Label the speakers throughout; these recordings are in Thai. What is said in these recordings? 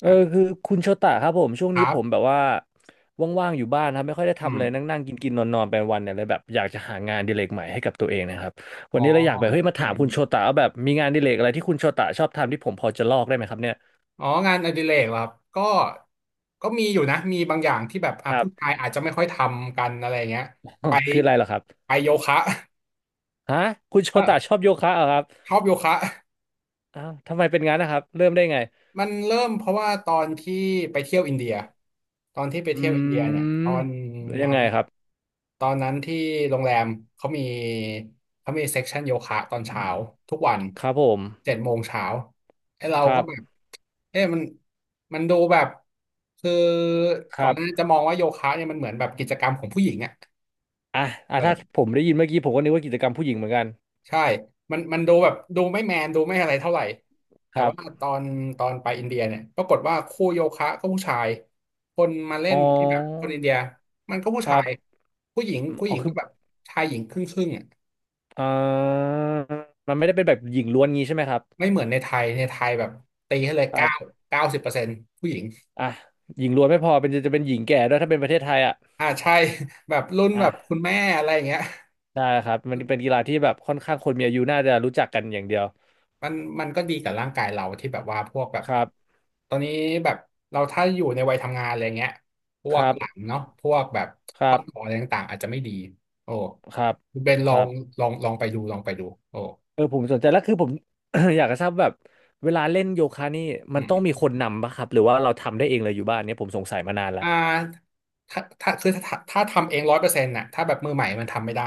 Speaker 1: เออ
Speaker 2: อ่ะ
Speaker 1: คือคุณโชตะครับผมช่วง
Speaker 2: ค
Speaker 1: นี้
Speaker 2: รั
Speaker 1: ผมแบบ
Speaker 2: บ
Speaker 1: ว่าว่างๆอยู่บ้านนะครับไม่ค่อยได้
Speaker 2: อื
Speaker 1: ทำอะ
Speaker 2: ม
Speaker 1: ไรนั่งๆกินๆนอนๆไปวันเนี่ยเลยแบบอยากจะหางานอดิเรกใหม่ให้กับตัวเองนะครับวั
Speaker 2: อ๋
Speaker 1: น
Speaker 2: อ
Speaker 1: นี้เราอยากแบบเฮ้ยมา
Speaker 2: อื
Speaker 1: ถา
Speaker 2: ม
Speaker 1: มคุณ
Speaker 2: อื
Speaker 1: โช
Speaker 2: ม
Speaker 1: ตะว่าแบบมีงานอดิเรกอะไรที่คุณโชตะชอบทำที่ผมพอจะลอกได้ไหมครับเนี่ย
Speaker 2: อ๋องานอดิเรกเหรอครับก็มีอยู่นะ มีบางอย่างที่แบบอ่ะ
Speaker 1: ครับ
Speaker 2: ผู้ชายอาจจะไม่ค่อยทำกันอะไรเงี้ย
Speaker 1: อ๋อ
Speaker 2: ไป
Speaker 1: คืออะไรเหรอครับ
Speaker 2: ไปโยคะ
Speaker 1: ฮะคุณโช
Speaker 2: เอ
Speaker 1: ตะช
Speaker 2: อ
Speaker 1: อบโยคะเหรอครับ
Speaker 2: ชอบโยคะ
Speaker 1: อ้าวทำไมเป็นงั้นนะครับเริ่มได้ไง
Speaker 2: มันเริ่มเพราะว่าตอนที่ไปเที่ยวอินเดียตอนที่ไป
Speaker 1: อื
Speaker 2: เที่ยวอินเดียเนี่ย
Speaker 1: มยั
Speaker 2: นั้
Speaker 1: ง
Speaker 2: น
Speaker 1: ไงครับ
Speaker 2: ตอนนั้นที่โรงแรมเขามีเขามีเซ็กชันโยคะตอนเช้าทุกวัน
Speaker 1: ครับผม
Speaker 2: 7 โมงเช้าไอ้เรา
Speaker 1: ครั
Speaker 2: ก็
Speaker 1: บ
Speaker 2: แบบเอ๊ะมันดูแบบคือ
Speaker 1: ค
Speaker 2: ก่อ
Speaker 1: รั
Speaker 2: นห
Speaker 1: บ
Speaker 2: น้านั้นจะมองว่าโยคะเนี่ยมันเหมือนแบบกิจกรรมของผู้หญิงอะ
Speaker 1: อ่ะอ่ะถ้า
Speaker 2: เออ
Speaker 1: ผมได้ยินเมื่อกี้ผมก็นึกว่ากิจกรรมผู้หญิงเหมือนกัน
Speaker 2: ใช่มันดูแบบดูไม่แมนดูไม่อะไรเท่าไหร่
Speaker 1: ค
Speaker 2: แต่
Speaker 1: รั
Speaker 2: ว่า
Speaker 1: บ
Speaker 2: ตอนตอนไปอินเดียเนี่ยปรากฏว่าคู่โยคะก็ผู้ชาย คนมาเล่
Speaker 1: อ๋อ
Speaker 2: นที่แบบคนอินเดียมันก็ผู้
Speaker 1: ค
Speaker 2: ชา
Speaker 1: รั
Speaker 2: ย
Speaker 1: บ
Speaker 2: ผู้หญิงผู้ห
Speaker 1: อ๋อ
Speaker 2: ญิง
Speaker 1: คื
Speaker 2: ก็
Speaker 1: อ
Speaker 2: แบบชายหญิงครึ่งครึ่งอ่ะ
Speaker 1: อ่ามันไม่ได้เป็นแบบหญิงล้วนงี้ใช่ไหมครับ
Speaker 2: ไม่เหมือนในไทยในไทยแบบตีให้เลย
Speaker 1: ครับ
Speaker 2: 90%ผู้หญิง
Speaker 1: อ่ะหญิงล้วนไม่พอเป็นจะจะเป็นหญิงแก่ด้วยถ้าเป็นประเทศไทยอ่ะ
Speaker 2: อ่าใช่ แบบรุ่นแบ
Speaker 1: อ่ะ
Speaker 2: บคุณแม่อะไรอย่างเงี้ย
Speaker 1: ได้ครับมันเป็นกีฬาที่แบบค่อนข้างคนมีอายุน่าจะรู้จักกันอย่างเดียว
Speaker 2: มันมันก็ดีกับร่างกายเราที่แบบว่าพวกแบบ
Speaker 1: ครับ
Speaker 2: ตอนนี้แบบเราถ้าอยู่ในวัยทำงานอะไรเงี้ยพ
Speaker 1: ค
Speaker 2: วก
Speaker 1: รับ
Speaker 2: หลังเนาะพวกแบบ
Speaker 1: ค
Speaker 2: ข้
Speaker 1: รั
Speaker 2: อต่อ
Speaker 1: บ
Speaker 2: อะไรต่างๆอาจจะไม่ดีโอ้
Speaker 1: ครับ
Speaker 2: คุณเบน
Speaker 1: ค
Speaker 2: ลอ
Speaker 1: รั
Speaker 2: ง
Speaker 1: บ
Speaker 2: ลองไปดูโอ้
Speaker 1: ผมสนใจแล้วคือผม อยากจะทราบแบบเวลาเล่นโยคะนี่มั
Speaker 2: อื
Speaker 1: น
Speaker 2: ม
Speaker 1: ต้องมีคนนำป่ะครับหรือว่าเราทำได้เองเลยอยู่บ้านเนี่ยผมสงสัยมานานละ
Speaker 2: อ่าถ้าทำเอง100%น่ะถ้าแบบมือใหม่มันทำไม่ได้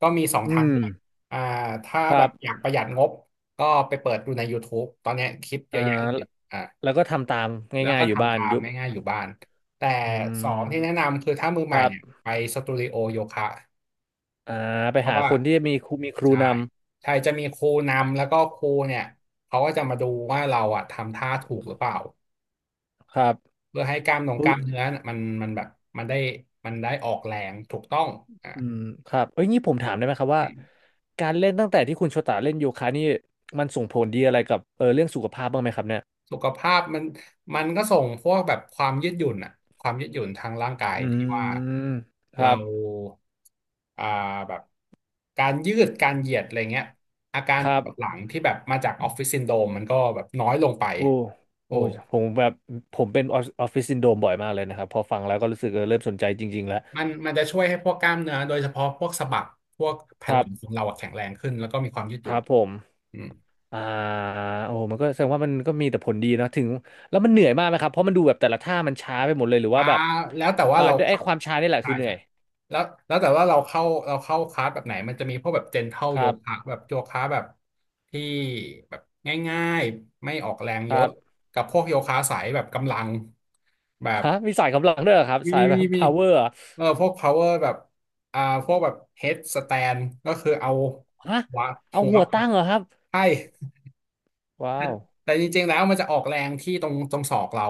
Speaker 2: ก็มีสอง
Speaker 1: อื
Speaker 2: ทาง
Speaker 1: ม
Speaker 2: เลือกอ่าถ้า
Speaker 1: ค
Speaker 2: แบ
Speaker 1: รั
Speaker 2: บ
Speaker 1: บ
Speaker 2: อยากประหยัดงบก็ไปเปิดดูใน YouTube ตอนเนี้ยคลิปเย
Speaker 1: อ่า
Speaker 2: อะแยะเล
Speaker 1: แล้ว
Speaker 2: ยอ่า
Speaker 1: แล้วก็ทำตาม
Speaker 2: แล้ว
Speaker 1: ง่าย
Speaker 2: ก็
Speaker 1: ๆอยู่บ้า
Speaker 2: ทำ
Speaker 1: น
Speaker 2: ตาม
Speaker 1: ยุบ
Speaker 2: ง่ายๆอยู่บ้าน แต่
Speaker 1: อื
Speaker 2: สองที่แนะ
Speaker 1: ม
Speaker 2: นำคือถ้ามือ
Speaker 1: ค
Speaker 2: ใหม่
Speaker 1: รั
Speaker 2: เนี่ย
Speaker 1: บ
Speaker 2: ไปสตูดิโอโยคะ
Speaker 1: อ่าไป
Speaker 2: เพราะ
Speaker 1: หา
Speaker 2: ว่า
Speaker 1: คนที่มีครู
Speaker 2: ใช่
Speaker 1: น
Speaker 2: ใช่จะมีครูนำแล้วก็ครูเนี่ยเขาก็จะมาดูว่าเราอะทำท่าถูกหรือเปล่า
Speaker 1: ำครับ
Speaker 2: เพื่อให้ก
Speaker 1: อุ้ย
Speaker 2: ล้ามเนื้อน่ะมันแบบมันได้มันได้ออกแรงถูกต้องอ่ะ
Speaker 1: อืมครับเอ้ยนี่ผมถามได้ไหมครับว่าการเล่นตั้งแต่ที่คุณโชตาเล่นโยคะนี่มันส่งผลดีอะไรกับเรื่องสุขภาพบ้างไหมครับเนี่ย
Speaker 2: สุขภาพมันก็ส่งพวกแบบความยืดหยุ่นอะความยืดหยุ่นทางร่างกาย
Speaker 1: อื
Speaker 2: ที่ว่า
Speaker 1: มค
Speaker 2: เรา
Speaker 1: รับ
Speaker 2: อ่าแบบการยืดการเหยียดอะไรเงี้ยอาการ
Speaker 1: ค
Speaker 2: ป
Speaker 1: รับ
Speaker 2: วดหลังที่แบบมาจากออฟฟิศซินโดรมมันก็แบบน้อยลงไป
Speaker 1: โอ้
Speaker 2: โอ้
Speaker 1: โอ้ยผมแบบผมเป็นออฟฟิศซินโดรมบ่อยมากเลยนะครับพอฟังแล้วก็รู้สึกเริ่มสนใจจริงๆแล้ว
Speaker 2: มันจะช่วยให้พวกกล้ามเนื้อโดยเฉพาะพวกสะบักพวก
Speaker 1: ค
Speaker 2: แผ่นห
Speaker 1: รั
Speaker 2: ลังของ
Speaker 1: บ
Speaker 2: เราอะแข็งแรงขึ้นแล้วก็มีความยืดห
Speaker 1: ค
Speaker 2: ยุ่
Speaker 1: รั
Speaker 2: น
Speaker 1: บผม
Speaker 2: อืม
Speaker 1: อ่าโอ้โหมันก็แสดงว่ามันก็มีแต่ผลดีเนอะถึงแล้วมันเหนื่อยมากไหมครับเพราะมันดูแบบแต่ละท่ามันช้าไปหมดเลยหรือ
Speaker 2: อ่า
Speaker 1: ว่าแบบ
Speaker 2: แล้วแต่ว่า
Speaker 1: อ่า
Speaker 2: เรา
Speaker 1: ด้วยไอ้
Speaker 2: เข้า
Speaker 1: ความช้านี่แหละ
Speaker 2: ใช่
Speaker 1: คือเหนื่
Speaker 2: ใช่
Speaker 1: อย
Speaker 2: แล้วแล้วแต่ว่าเราเข้าคลาสแบบไหนมันจะมีพวกแบบเจนเท l ล
Speaker 1: ค
Speaker 2: โย
Speaker 1: รั
Speaker 2: คะ
Speaker 1: บ
Speaker 2: แบบโยคะแบบที่แบบง่ายๆไม่ออกแรง
Speaker 1: ค
Speaker 2: เย
Speaker 1: รั
Speaker 2: อะ
Speaker 1: บ
Speaker 2: กับพวกโยคะสายแบบกำลังแบบ
Speaker 1: ฮะมีสายกำลังด้วยเหรอครับ
Speaker 2: มี
Speaker 1: สายแบ
Speaker 2: มี
Speaker 1: บ
Speaker 2: มี
Speaker 1: power เหรอ
Speaker 2: เออพวก power แบบอ่าพวกแบบ head stand ก็คือเอา
Speaker 1: ฮะ
Speaker 2: หัว
Speaker 1: เอา
Speaker 2: หัว
Speaker 1: หัวตั้งเหรอครับ
Speaker 2: ใช่
Speaker 1: ว้าว
Speaker 2: แต่จริงๆแล้วมันจะออกแรงที่ตรงศอกเรา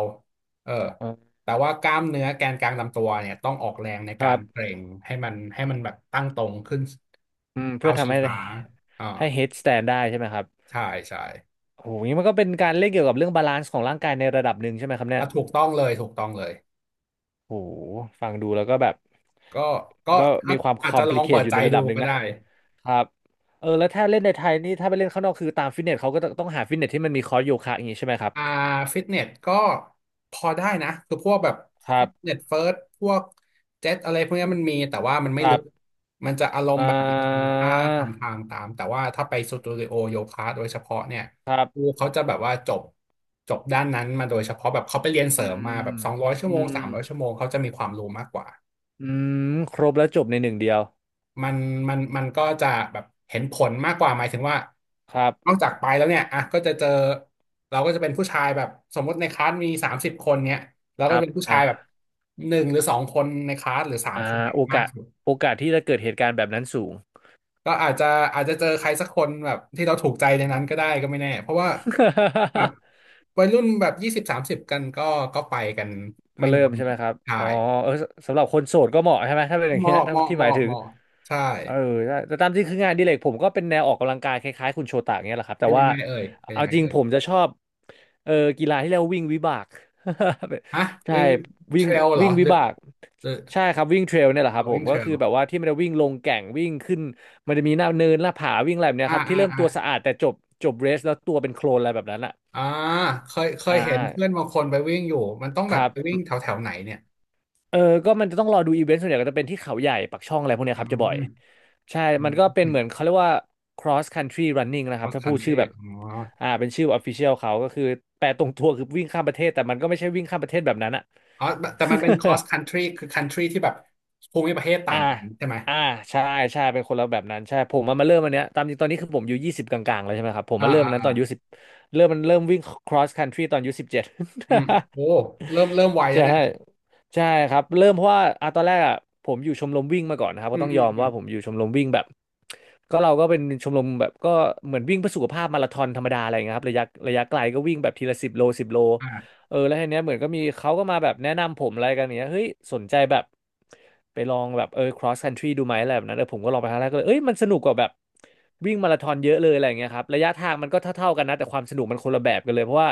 Speaker 2: เออ
Speaker 1: เออ
Speaker 2: แต่ว่ากล้ามเนื้อแกนกลางลำตัวเนี่ยต้องออกแรงใน
Speaker 1: ค
Speaker 2: กา
Speaker 1: รั
Speaker 2: รเก
Speaker 1: บ
Speaker 2: ร็งให้มันแบบตั้งตรงขึ้น
Speaker 1: อืมเพื่
Speaker 2: เท้า
Speaker 1: อทำ
Speaker 2: ชี้
Speaker 1: ให้
Speaker 2: ฟ้าอ่า
Speaker 1: ให้ head stand ได้ใช่ไหมครับ
Speaker 2: ใช่ใช่
Speaker 1: โอ้โหนี่มันก็เป็นการเล่นเกี่ยวกับเรื่องบาลานซ์ของร่างกายในระดับหนึ่งใช่ไหมครับเนี่ย
Speaker 2: อ่ะถูกต้องเลยถูกต้องเลย
Speaker 1: โอ้โหฟังดูแล้วก็แบบ
Speaker 2: ก็ก็
Speaker 1: ก็
Speaker 2: อา
Speaker 1: มี
Speaker 2: จ
Speaker 1: ความ
Speaker 2: อาจจะลองเปิ
Speaker 1: complicate
Speaker 2: ด
Speaker 1: อยู่
Speaker 2: ใจ
Speaker 1: ในระ
Speaker 2: ดู
Speaker 1: ดับหนึ่ง
Speaker 2: ก็
Speaker 1: นะ
Speaker 2: ได้
Speaker 1: ครับแล้วถ้าเล่นในไทยนี่ถ้าไปเล่นข้างนอกคือตามฟิตเนสเขาก็ต้องหาฟิตเนสที่มันมีคอร์สโยคะอย่างนี้ใช่ไหมครับ
Speaker 2: อ่าฟิตเนสก็พอได้นะคือพวกแบบ
Speaker 1: ครั
Speaker 2: ฟิ
Speaker 1: บ
Speaker 2: ตเนสเฟิร์สพวกเจ็ตอะไรพวกเนี้ยมันมีแต่ว่ามันไม่
Speaker 1: ค
Speaker 2: ลึ
Speaker 1: รั
Speaker 2: ก
Speaker 1: บ
Speaker 2: มันจะอารม
Speaker 1: อ่
Speaker 2: ณ์แบบเรา
Speaker 1: า
Speaker 2: ทำท่าทำทางตามแต่ว่าถ้าไปสตูดิโอโยคะโดยเฉพาะเนี่ย
Speaker 1: ครั
Speaker 2: ครู
Speaker 1: บ
Speaker 2: เขาจะแบบว่าจบด้านนั้นมาโดยเฉพาะแบบเขาไปเรียนเส
Speaker 1: อื
Speaker 2: ริมมาแบ
Speaker 1: ม
Speaker 2: บสองร้อยชั่
Speaker 1: อื
Speaker 2: วโมง
Speaker 1: ม
Speaker 2: สามร้อยชั่วโมงเขาจะมีความรู้มากกว่า
Speaker 1: อืมครบแล้วจบในหนึ่งเดียว
Speaker 2: มันมันก็จะแบบเห็นผลมากกว่าหมายถึงว่า
Speaker 1: ครับ
Speaker 2: นอกจากไปแล้วเนี่ยอ่ะก็จะเจอเราก็จะเป็นผู้ชายแบบสมมติในคลาสมี30 คนเนี่ยเรา
Speaker 1: ค
Speaker 2: ก็
Speaker 1: รั
Speaker 2: จะ
Speaker 1: บ
Speaker 2: เป็นผู้ชา
Speaker 1: อ่า
Speaker 2: ยแบบหนึ่งหรือสองคนในคลาสหรือสาม
Speaker 1: อ่
Speaker 2: คน
Speaker 1: า
Speaker 2: เนี่ย
Speaker 1: โอ
Speaker 2: มาก
Speaker 1: กาส
Speaker 2: สุด
Speaker 1: โอกาสที่จะเกิดเหตุการณ์แบบนั้นสูง
Speaker 2: ก็อาจจะเจอใครสักคนแบบที่เราถูกใจในนั้นก็ได้ก็ไม่แน่เพราะว่าแบบ วัยรุ่นแบบ20-30กันก็ไปกัน
Speaker 1: ก็
Speaker 2: ไม่
Speaker 1: เริ่
Speaker 2: น้อ
Speaker 1: ม
Speaker 2: ย
Speaker 1: ใช่ไหมครับ
Speaker 2: ใช่
Speaker 1: อ๋อสสำหรับคนโสดก็เหมาะใช่ไหมถ้าเป็นอย่า
Speaker 2: เห
Speaker 1: งเงี้ย
Speaker 2: มาะเห
Speaker 1: ถ้า
Speaker 2: มาะ
Speaker 1: ที่
Speaker 2: เห
Speaker 1: หมาย
Speaker 2: มาะ
Speaker 1: ถึ
Speaker 2: เห
Speaker 1: ง
Speaker 2: มาะใช่
Speaker 1: เออแต่แต่ตามที่คืองานอดิเรกผมก็เป็นแนวออกกำลังกายคล้ายๆคุณโชตะเงี้ยแหละครับแต่
Speaker 2: เป็นยั
Speaker 1: ว่า
Speaker 2: งไงเอ่ยเป็น
Speaker 1: เอา
Speaker 2: ยังไง
Speaker 1: จริง
Speaker 2: เอ่ย
Speaker 1: ผมจะชอบเออกีฬาที่เรียกว่าวิ่งวิบาก
Speaker 2: ฮะ
Speaker 1: ใช่
Speaker 2: วิ่งเท
Speaker 1: วิ่
Speaker 2: ร
Speaker 1: ง
Speaker 2: ลเหรอ
Speaker 1: วิ่ง
Speaker 2: ห
Speaker 1: วิ
Speaker 2: รือ
Speaker 1: บาก
Speaker 2: หรือ
Speaker 1: ใช่ครับวิ่งเทรลเนี่ยแหละครั
Speaker 2: เอา
Speaker 1: บผ
Speaker 2: วิ่
Speaker 1: ม
Speaker 2: งเท
Speaker 1: ก็
Speaker 2: รล
Speaker 1: คือแบบว่าที่มันจะวิ่งลงแก่งวิ่งขึ้นมันจะมีหน้าเนินหน้าผาวิ่งอะไรแบบเนี้
Speaker 2: อ่า
Speaker 1: ยครับที่
Speaker 2: อ่า
Speaker 1: เริ่ม
Speaker 2: อ่า
Speaker 1: ตัวสะอาดแต่จบจบเรสแล้วตัวเป็นโคลนอะไรแบบนั้นอ่ะ
Speaker 2: อ่าเคยเค
Speaker 1: อ่
Speaker 2: ยเห็นเพื่อน
Speaker 1: า
Speaker 2: บางคนไปวิ่งอยู่มันต้อง
Speaker 1: ค
Speaker 2: แบบ
Speaker 1: รับ
Speaker 2: ไปวิ่งแถวแถวไหนเนี่ย
Speaker 1: เออก็มันจะต้องรอดูอีเวนต์ส่วนใหญ่ก็จะเป็นที่เขาใหญ่ปักช่องอะไรพวกเนี้
Speaker 2: อื
Speaker 1: ยครับจะบ่อย
Speaker 2: ม
Speaker 1: ใช่
Speaker 2: อื
Speaker 1: มันก็เป็นเหมือน
Speaker 2: ม
Speaker 1: เขาเรียกว่า cross country running นะครับ
Speaker 2: cross
Speaker 1: ถ้าพูดชื่อ
Speaker 2: country
Speaker 1: แบบ
Speaker 2: อ๋อ
Speaker 1: อ่าเป็นชื่อ official เขาก็คือแปลตรงตัวคือวิ่งข้ามประเทศแต่มันก็ไม่ใช่วิ่งข้ามประเทศแบบนั้นอะ
Speaker 2: อ๋อแต่มันเป็น cross country คือ country ที่แบบภูมิประเทศต่า
Speaker 1: อ่า
Speaker 2: งกันใช่ไหม
Speaker 1: อ่าใช่ใช่เป็นคนละแบบนั้นใช่ผมมาเริ่มอันเนี้ยตามจริงตอนนี้คือผมอายู่20 กลางๆแล้วใช่ไหมครับผม
Speaker 2: อ่า
Speaker 1: มาเริ่ม
Speaker 2: อ่า
Speaker 1: อันนั้นต
Speaker 2: อ่า
Speaker 1: อนอายุสิบเริ่มมันเริ่มวิ่ง cross country ตอนอายุ17
Speaker 2: อืมโอ้เริ่มไวแล้ว
Speaker 1: ใช่
Speaker 2: เนี่ย
Speaker 1: ใช่ครับเริ่มเพราะว่าอ่ะตอนแรกอ่ะผมอยู่ชมรมวิ่งมาก่อนนะครับ
Speaker 2: อื
Speaker 1: ก็
Speaker 2: ม
Speaker 1: ต้อง
Speaker 2: อื
Speaker 1: ย
Speaker 2: ม
Speaker 1: อม
Speaker 2: อืม
Speaker 1: ว่าผมอยู่ชมรมวิ่งแบบก็เราก็เป็นชมรมแบบก็เหมือนวิ่งเพื่อสุขภาพมาราธอนธรรมดาอะไรอย่างเงี้ยครับระยะไกลก็วิ่งแบบทีละ10 โล 10 โล
Speaker 2: อ่า
Speaker 1: แล้วทีเนี้ยเหมือนก็มีเขาก็มาแบบแนะนำผมอะไรกันอย่างเงี้ยเฮ้ยสนใจแบบไปลองแบบcross country ดูไหมอะไรแบบนั้นเออผมก็ลองไปครั้งแรกก็เลยเอ้ยมันสนุกกว่าแบบวิ่งมาราธอนเยอะเลยอะไรอย่างเงี้ยครับระยะทางมันก็เท่าๆกันนะแต่ความสนุกมันคนละแบบกันเลยเพราะว่า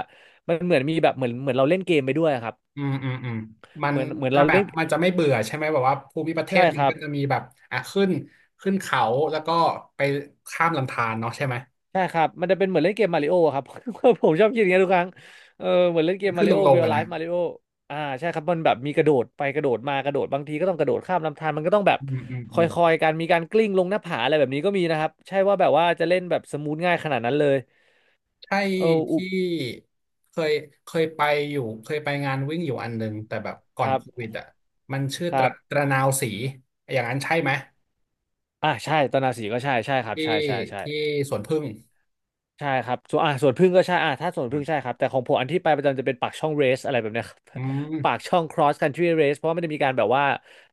Speaker 1: มันเหมือนมีแบบเหมือนเหมือนเราเล่นเกมไปด้วยครับ
Speaker 2: อืมอืมอืมมัน
Speaker 1: เหมือนเหมือน
Speaker 2: จะ
Speaker 1: เรา
Speaker 2: แบบ
Speaker 1: เล่น
Speaker 2: มันจะไม่เบื่อใช่ไหมแบบว่าภูมิประเทศ
Speaker 1: ใช่
Speaker 2: มั
Speaker 1: ค
Speaker 2: น
Speaker 1: รับ
Speaker 2: ก็จะมีแบบอ่ะขึ้นเขาแล้วก็ไปข้ามลำธารเนาะใช่ไหม
Speaker 1: ใช่ครับมันจะเป็นเหมือนเล่นเกมมาริโอครับ ผมชอบคิดอย่างนี้ยทุกครั้งเออเหมือนเล่นเกมมา
Speaker 2: ขึ้น
Speaker 1: ริ
Speaker 2: ล
Speaker 1: โอ
Speaker 2: ง
Speaker 1: เรียล
Speaker 2: อะ
Speaker 1: ไล
Speaker 2: นะ
Speaker 1: ฟ์มาริโอใช่ครับมันแบบมีกระโดดไปกระโดดมากระโดดบางทีก็ต้องกระโดดข้ามลำธารมันก็ต้องแบบ
Speaker 2: อืมอืม
Speaker 1: ค
Speaker 2: อืม
Speaker 1: อยๆกันมีการกลิ้งลงหน้าผาอะไรแบบนี้ก็มีนะครับใช่ว่าแบบว่าจะเล่นแบบสมูทง่ายขนาดนั้นเลย
Speaker 2: ใช่
Speaker 1: เอออุบ
Speaker 2: ที่เคยเคยไปอยู่เคยไปงานวิ่งอยู่อันหนึ่งแต่แบบก่
Speaker 1: ค
Speaker 2: อน
Speaker 1: รับ
Speaker 2: โควิดอ่ะมันชื่อ
Speaker 1: ครับ
Speaker 2: ตระนาวสีอย่างนั้นใช่ไหม
Speaker 1: ใช่ตอนนาสีก็ใช่ใช่ครับ
Speaker 2: ที่
Speaker 1: ใช่ใช่ใช่
Speaker 2: ที่สวนผึ้ง
Speaker 1: ใช่ครับส่วนส่วนพึ่งก็ใช่ถ้าส่วนพึ่งใช่ครับแต่ของผมอันที่ไปประจำจะเป็นปากช่องเรสอะไรแบบเนี้ย ครับ
Speaker 2: อื
Speaker 1: ปาก
Speaker 2: ม
Speaker 1: ช่อง cross country race เพราะว่าไม่ได้มีการแบบว่า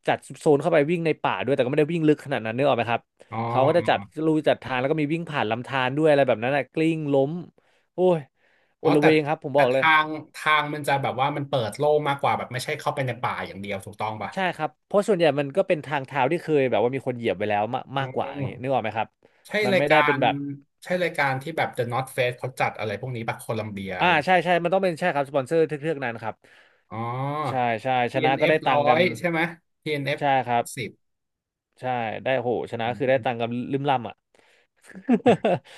Speaker 1: จัดโซนเข้าไปวิ่งในป่าด้วยแต่ก็ไม่ได้วิ่งลึกขนาดนั้นนึกออกไหมครับ
Speaker 2: อ๋อ
Speaker 1: เขาก็จะจัดลู่จัดทางแล้วก็มีวิ่งผ่านลำธารด้วยอะไรแบบนั้นนะกลิ้งล้มโอ้ยอ
Speaker 2: อ๋อ
Speaker 1: ล
Speaker 2: แต่
Speaker 1: เวงครับผมบอกเลย
Speaker 2: ทางมันจะแบบว่ามันเปิดโล่งมากกว่าแบบไม่ใช่เข้าไปในป่าอย่างเดียวถูกต้องป่ะ
Speaker 1: ใช่ครับเพราะส่วนใหญ่มันก็เป็นทางเท้าที่เคยแบบว่ามีคนเหยียบไปแล้วมาก
Speaker 2: อ๋
Speaker 1: มากกว่าอย่างนี้
Speaker 2: อ
Speaker 1: นึกออกไหมครับ
Speaker 2: ใช่
Speaker 1: มัน
Speaker 2: ราย
Speaker 1: ไม่
Speaker 2: กา
Speaker 1: ได้เป็น
Speaker 2: ร
Speaker 1: แบบ
Speaker 2: ใช่รายการที่แบบ The North Face เขาจัดอะไรพวกนี้ป่ะโคลัมเบียอะไร
Speaker 1: ใช่ใช่มันต้องเป็นใช่ครับสปอนเซอร์เทือกๆนั้นครับ
Speaker 2: อ๋อ
Speaker 1: ใช่ใช่ชนะก็
Speaker 2: TNF
Speaker 1: ได้ตั
Speaker 2: ร้อ
Speaker 1: งค์กัน
Speaker 2: ยใช่ไหม TNF
Speaker 1: ใช่ครับ
Speaker 2: 10
Speaker 1: ใช่ได้โหชนะคือได้ตังค์กันลืมล่ำอ่ะ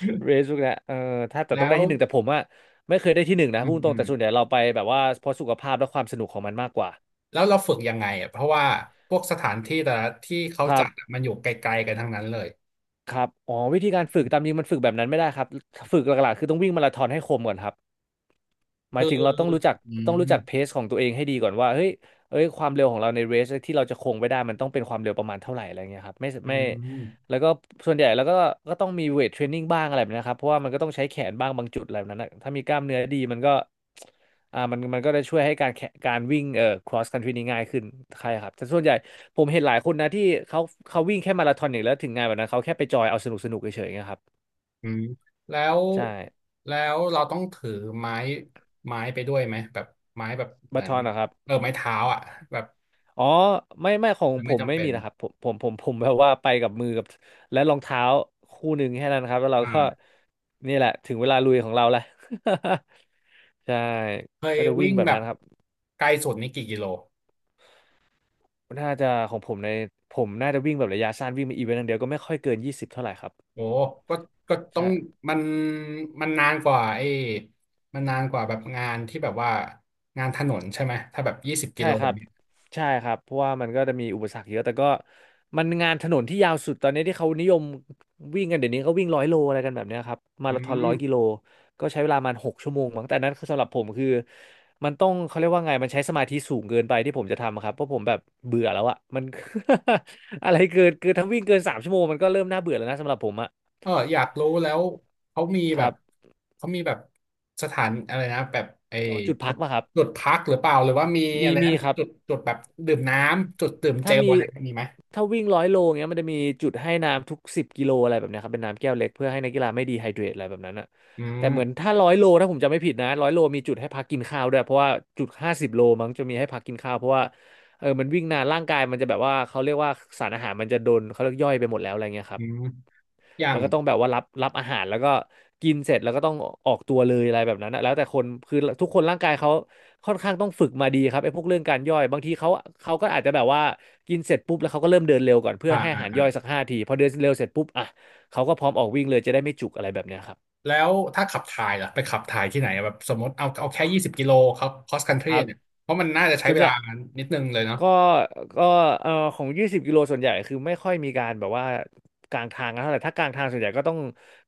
Speaker 1: เรซุกนะเออถ้าแต่
Speaker 2: แล้
Speaker 1: ต้องได้
Speaker 2: ว
Speaker 1: ที่หนึ่งแต่ผมอ่ะไม่เคยได้ที่หนึ่งนะ
Speaker 2: อื
Speaker 1: พูด
Speaker 2: ม
Speaker 1: ตร
Speaker 2: อื
Speaker 1: ง
Speaker 2: ม
Speaker 1: แต่ส่วนใหญ่เราไปแบบว่าเพราะสุขภาพและความสนุกของมันมากกว่า
Speaker 2: แล้วเราฝึกยังไงอ่ะเพราะว่าพวกสถานที่แต่ละที่เขา
Speaker 1: ครั
Speaker 2: จัดอะ
Speaker 1: บ
Speaker 2: มันอยู่ไกลๆกันทั้งนั้นเลย
Speaker 1: ครับอ๋อวิธีการฝึกตามจริงมันฝึกแบบนั้นไม่ได้ครับฝึกหลักๆคือต้องวิ่งมาราธอนให้คมก่อนครับ หมาย
Speaker 2: คือ
Speaker 1: ถึงเราต้องรู้จัก
Speaker 2: อืม
Speaker 1: เพสของตัวเองให้ดีก่อนว่าเฮ้ยเอ้ยความเร็วของเราในเรสที่เราจะคงไว้ได้มันต้องเป็นความเร็วประมาณเท่าไหร่อะไรเงี้ยครับไม่
Speaker 2: อื
Speaker 1: ไม่
Speaker 2: ม
Speaker 1: แล้วก็ส่วนใหญ่แล้วก็ก็ต้องมีเวทเทรนนิ่งบ้างอะไรแบบนี้นะครับเพราะว่ามันก็ต้องใช้แขนบ้างบางจุดอะไรแบบนั้นนะถ้ามีกล้ามเนื้อดีมันก็มันก็จะช่วยให้การวิ่งcross country นี่ง่ายขึ้นใช่ครับแต่ส่วนใหญ่ผมเห็นหลายคนนะที่เขาเขาวิ่งแค่มาราธอนอย่างเดียวแล้วถึงงานแบบนั้นเขาแค่ไปจอยเอาสนุกสนุกเฉยๆนะครับ
Speaker 2: อืมแล้ว
Speaker 1: ใช่
Speaker 2: เราต้องถือไม้ไปด้วยไหมแบบไม้แบบเห
Speaker 1: มา
Speaker 2: มือ
Speaker 1: ราธ
Speaker 2: น
Speaker 1: อนนะครับ
Speaker 2: เออไม้เท้าอ่ะแบบ
Speaker 1: อ๋อไม่ไม่ของผ
Speaker 2: ไม่
Speaker 1: ม
Speaker 2: จำ
Speaker 1: ไม่
Speaker 2: เป็
Speaker 1: มี
Speaker 2: น
Speaker 1: นะครับผมแบบว่าไปกับมือกับและรองเท้าคู่หนึ่งแค่นั้นครับแล้วเราก็
Speaker 2: อ่า
Speaker 1: นี่แหละถึงเวลาลุยของเราแล้ว ใช่
Speaker 2: เคย
Speaker 1: ก็จะวิ่
Speaker 2: วิ่
Speaker 1: ง
Speaker 2: ง
Speaker 1: แบบ
Speaker 2: แบ
Speaker 1: นั้
Speaker 2: บ
Speaker 1: นครับ
Speaker 2: ไกลสุดนี่กี่กิโล
Speaker 1: น่าจะของผมผมน่าจะวิ่งแบบระยะสั้นวิ่งเป็นอีเวนต์อย่างเดียวก็ไม่ค่อยเกิน20เท่าไหร่ครับ
Speaker 2: โอ้ก็ต้อง
Speaker 1: ใช่
Speaker 2: มันนานกว่าไอ้มันนานกว่าแบบงานที่แบบว่างานถนนใช่ไหมถ้าแบบยี่สิบกิ
Speaker 1: ใช่
Speaker 2: โล
Speaker 1: ครับ
Speaker 2: เนี่ย
Speaker 1: ใช่ครับ เพราะว่ามันก็จะมีอุปสรรคเยอะแต่ก็มันงานถนนที่ยาวสุดตอนนี้ที่เขานิยมวิ่งกันเดี๋ยวนี้ก็วิ่งร้อยโลอะไรกันแบบเนี้ยครับ มา
Speaker 2: อื
Speaker 1: ราธอน100 กิโล
Speaker 2: ม
Speaker 1: ก็ใช้เวลามัน6 ชั่วโมงมั้งแต่อันนั้นคือสำหรับผมคือมันต้องเขาเรียกว่าไง มันใช้สมาธิสูงเกินไปที่ผมจะทำอะครับ เพราะผมแบบเบื่อแล้วอะมัน อะไรเกินเกินถ้าวิ่งเกิน3 ชั่วโมงมันก็เริ่มน่าเบื่อแล้วนะสำหรับผมอะ
Speaker 2: เอออยากรู้แล้วเขามี
Speaker 1: ค
Speaker 2: แบ
Speaker 1: รั
Speaker 2: บ
Speaker 1: บ
Speaker 2: เขามีแบบสถานอะไรนะแบบไอ้
Speaker 1: ขอจุด
Speaker 2: จุ
Speaker 1: พัก
Speaker 2: ด
Speaker 1: ป่ะครับ
Speaker 2: พักหรือเปล่าหรือว่ามีอะ
Speaker 1: มี
Speaker 2: ไร
Speaker 1: มี
Speaker 2: นะมี
Speaker 1: ครับ
Speaker 2: จุดแบบดื่มน้ำจุดดื่มเจ
Speaker 1: ถ้า
Speaker 2: ล
Speaker 1: มี
Speaker 2: อะไรมีไหม
Speaker 1: ถ้าวิ่งร้อยโลเงี้ยมันจะมีจุดให้น้ำทุก10 กิโลอะไรแบบเนี้ยครับเป็นน้ำแก้วเล็กเพื่อให้นักกีฬาไม่ดีไฮเดรตอะไรแบบนั้นอะ
Speaker 2: อื
Speaker 1: แต่
Speaker 2: ม
Speaker 1: เหมือนถ้าร้อยโลถ้าผมจำไม่ผิดนะร้อยโลมีจุดให้พักกินข้าวด้วยเพราะว่าจุด50 โลมั้งจะมีให้พักกินข้าวเพราะว่าเออมันวิ่งนานร่างกายมันจะแบบว่าเขาเรียกว่าสารอาหารมันจะโดนเขาเรียกย่อยไปหมดแล้วอะไรเงี้ยค
Speaker 2: อื
Speaker 1: รับ
Speaker 2: มอย่า
Speaker 1: มั
Speaker 2: ง
Speaker 1: นก็ต้องแบบว่ารับอาหารแล้วก็กินเสร็จแล้วก็ต้องออกตัวเลยอะไรแบบนั้นนะแล้วแต่คนคือทุกคนร่างกายเขาค่อนข้างต้องฝึกมาดีครับไอ้พวกเรื่องการย่อยบางทีเขาก็อาจจะแบบว่ากินเสร็จปุ๊บแล้วเขาก็เริ่มเดินเร็วก่อนเพื่อ
Speaker 2: อ่า
Speaker 1: ให้อา
Speaker 2: อ่า
Speaker 1: หาร
Speaker 2: อ่า
Speaker 1: ย่อยสักห้าทีพอเดินเร็วเสร็จปุ๊บอ่ะเขาก็พร้อมออกวิ่งเลยจะได้ไม่จุกอะไรแบบเนี้ยครับ
Speaker 2: แล้วถ้าขับถ่ายล่ะไปขับถ่ายที่ไหนอะแบบสมมติเอาแค่ยี่สิบกิโลครับคอสคันท
Speaker 1: ค
Speaker 2: รี
Speaker 1: รับ
Speaker 2: เนี่ยเพราะมันน่าจะใช้
Speaker 1: ส่วน
Speaker 2: เว
Speaker 1: ให
Speaker 2: ลา
Speaker 1: ญ่
Speaker 2: นิดนึงเลยเนาะ
Speaker 1: ก็ก็ของ20 กิโลส่วนใหญ่คือไม่ค่อยมีการแบบว่ากลางทางกันเท่าไหร่ถ้ากลางทางส่วนใหญ่ก็ต้อง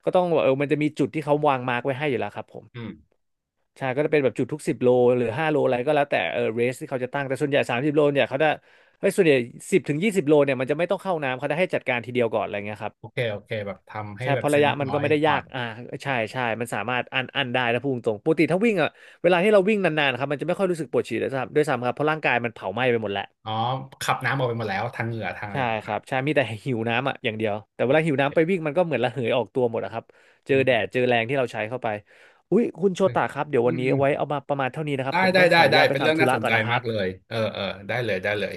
Speaker 1: ก็ต้องเออมันจะมีจุดที่เขาวางมาร์กไว้ให้อยู่แล้วครับผม
Speaker 2: อืม
Speaker 1: ใช่ก็จะเป็นแบบจุดทุกสิบโลหรือ5 โลอะไรก็แล้วแต่เออเรสที่เขาจะตั้งแต่ส่วนใหญ่30 โลเนี่ยเขาจะเฮ้ยส่วนใหญ่10 ถึง 20 โลเนี่ยมันจะไม่ต้องเข้าน้ำเขาจะให้จัดการทีเดียวก่อนอะไรเงี้ยครับ
Speaker 2: โอเคโอเคแบบทำให้
Speaker 1: ใช่
Speaker 2: แบ
Speaker 1: เพ
Speaker 2: บ
Speaker 1: ราะ
Speaker 2: เสร็
Speaker 1: ระ
Speaker 2: จ
Speaker 1: ยะ
Speaker 2: เรียบ
Speaker 1: มัน
Speaker 2: ร้อ
Speaker 1: ก็
Speaker 2: ย
Speaker 1: ไม่ได้
Speaker 2: ก่
Speaker 1: ยา
Speaker 2: อน
Speaker 1: กอ่าใช่ใช่มันสามารถอันได้นะพูดตรงปกติถ้าวิ่งอ่ะเวลาที่เราวิ่งนานๆครับมันจะไม่ค่อยรู้สึกปวดฉี่ด้วยซ้ำครับเพราะร่างกายมันเผาไหม้ไปหมดแล้ว
Speaker 2: อ๋อขับน้ำออกไปหมดแล้วทางเหงื่อทางอะไร
Speaker 1: ใช่ครับ ใช่มีแต่หิวน้ำอ่ะอย่างเดียว แต่เว
Speaker 2: โอ
Speaker 1: ลาหิวน้ำไป
Speaker 2: เค
Speaker 1: วิ่งมันก็เหมือนระเหยออกตัวหมดอะครับ เจ
Speaker 2: อื
Speaker 1: อแด
Speaker 2: ม
Speaker 1: ด เจอแรงที่เราใช้เข้าไป อุ๊ยคุณโช
Speaker 2: อืม
Speaker 1: ตาครับ เดี๋ยววันนี้
Speaker 2: อืม
Speaker 1: เอาไว้เอามาประมาณเท่านี้นะครับ
Speaker 2: ได้
Speaker 1: ผม
Speaker 2: ได้
Speaker 1: ต้องข
Speaker 2: ได้
Speaker 1: ออนุ
Speaker 2: ได้
Speaker 1: ญาตไป
Speaker 2: เป็นเรื่อง
Speaker 1: ทำธุ
Speaker 2: น่า
Speaker 1: ระ
Speaker 2: สน
Speaker 1: ก่อ
Speaker 2: ใจ
Speaker 1: นนะครั
Speaker 2: มากเล
Speaker 1: บ
Speaker 2: ยเออเออได้เลยได้เลย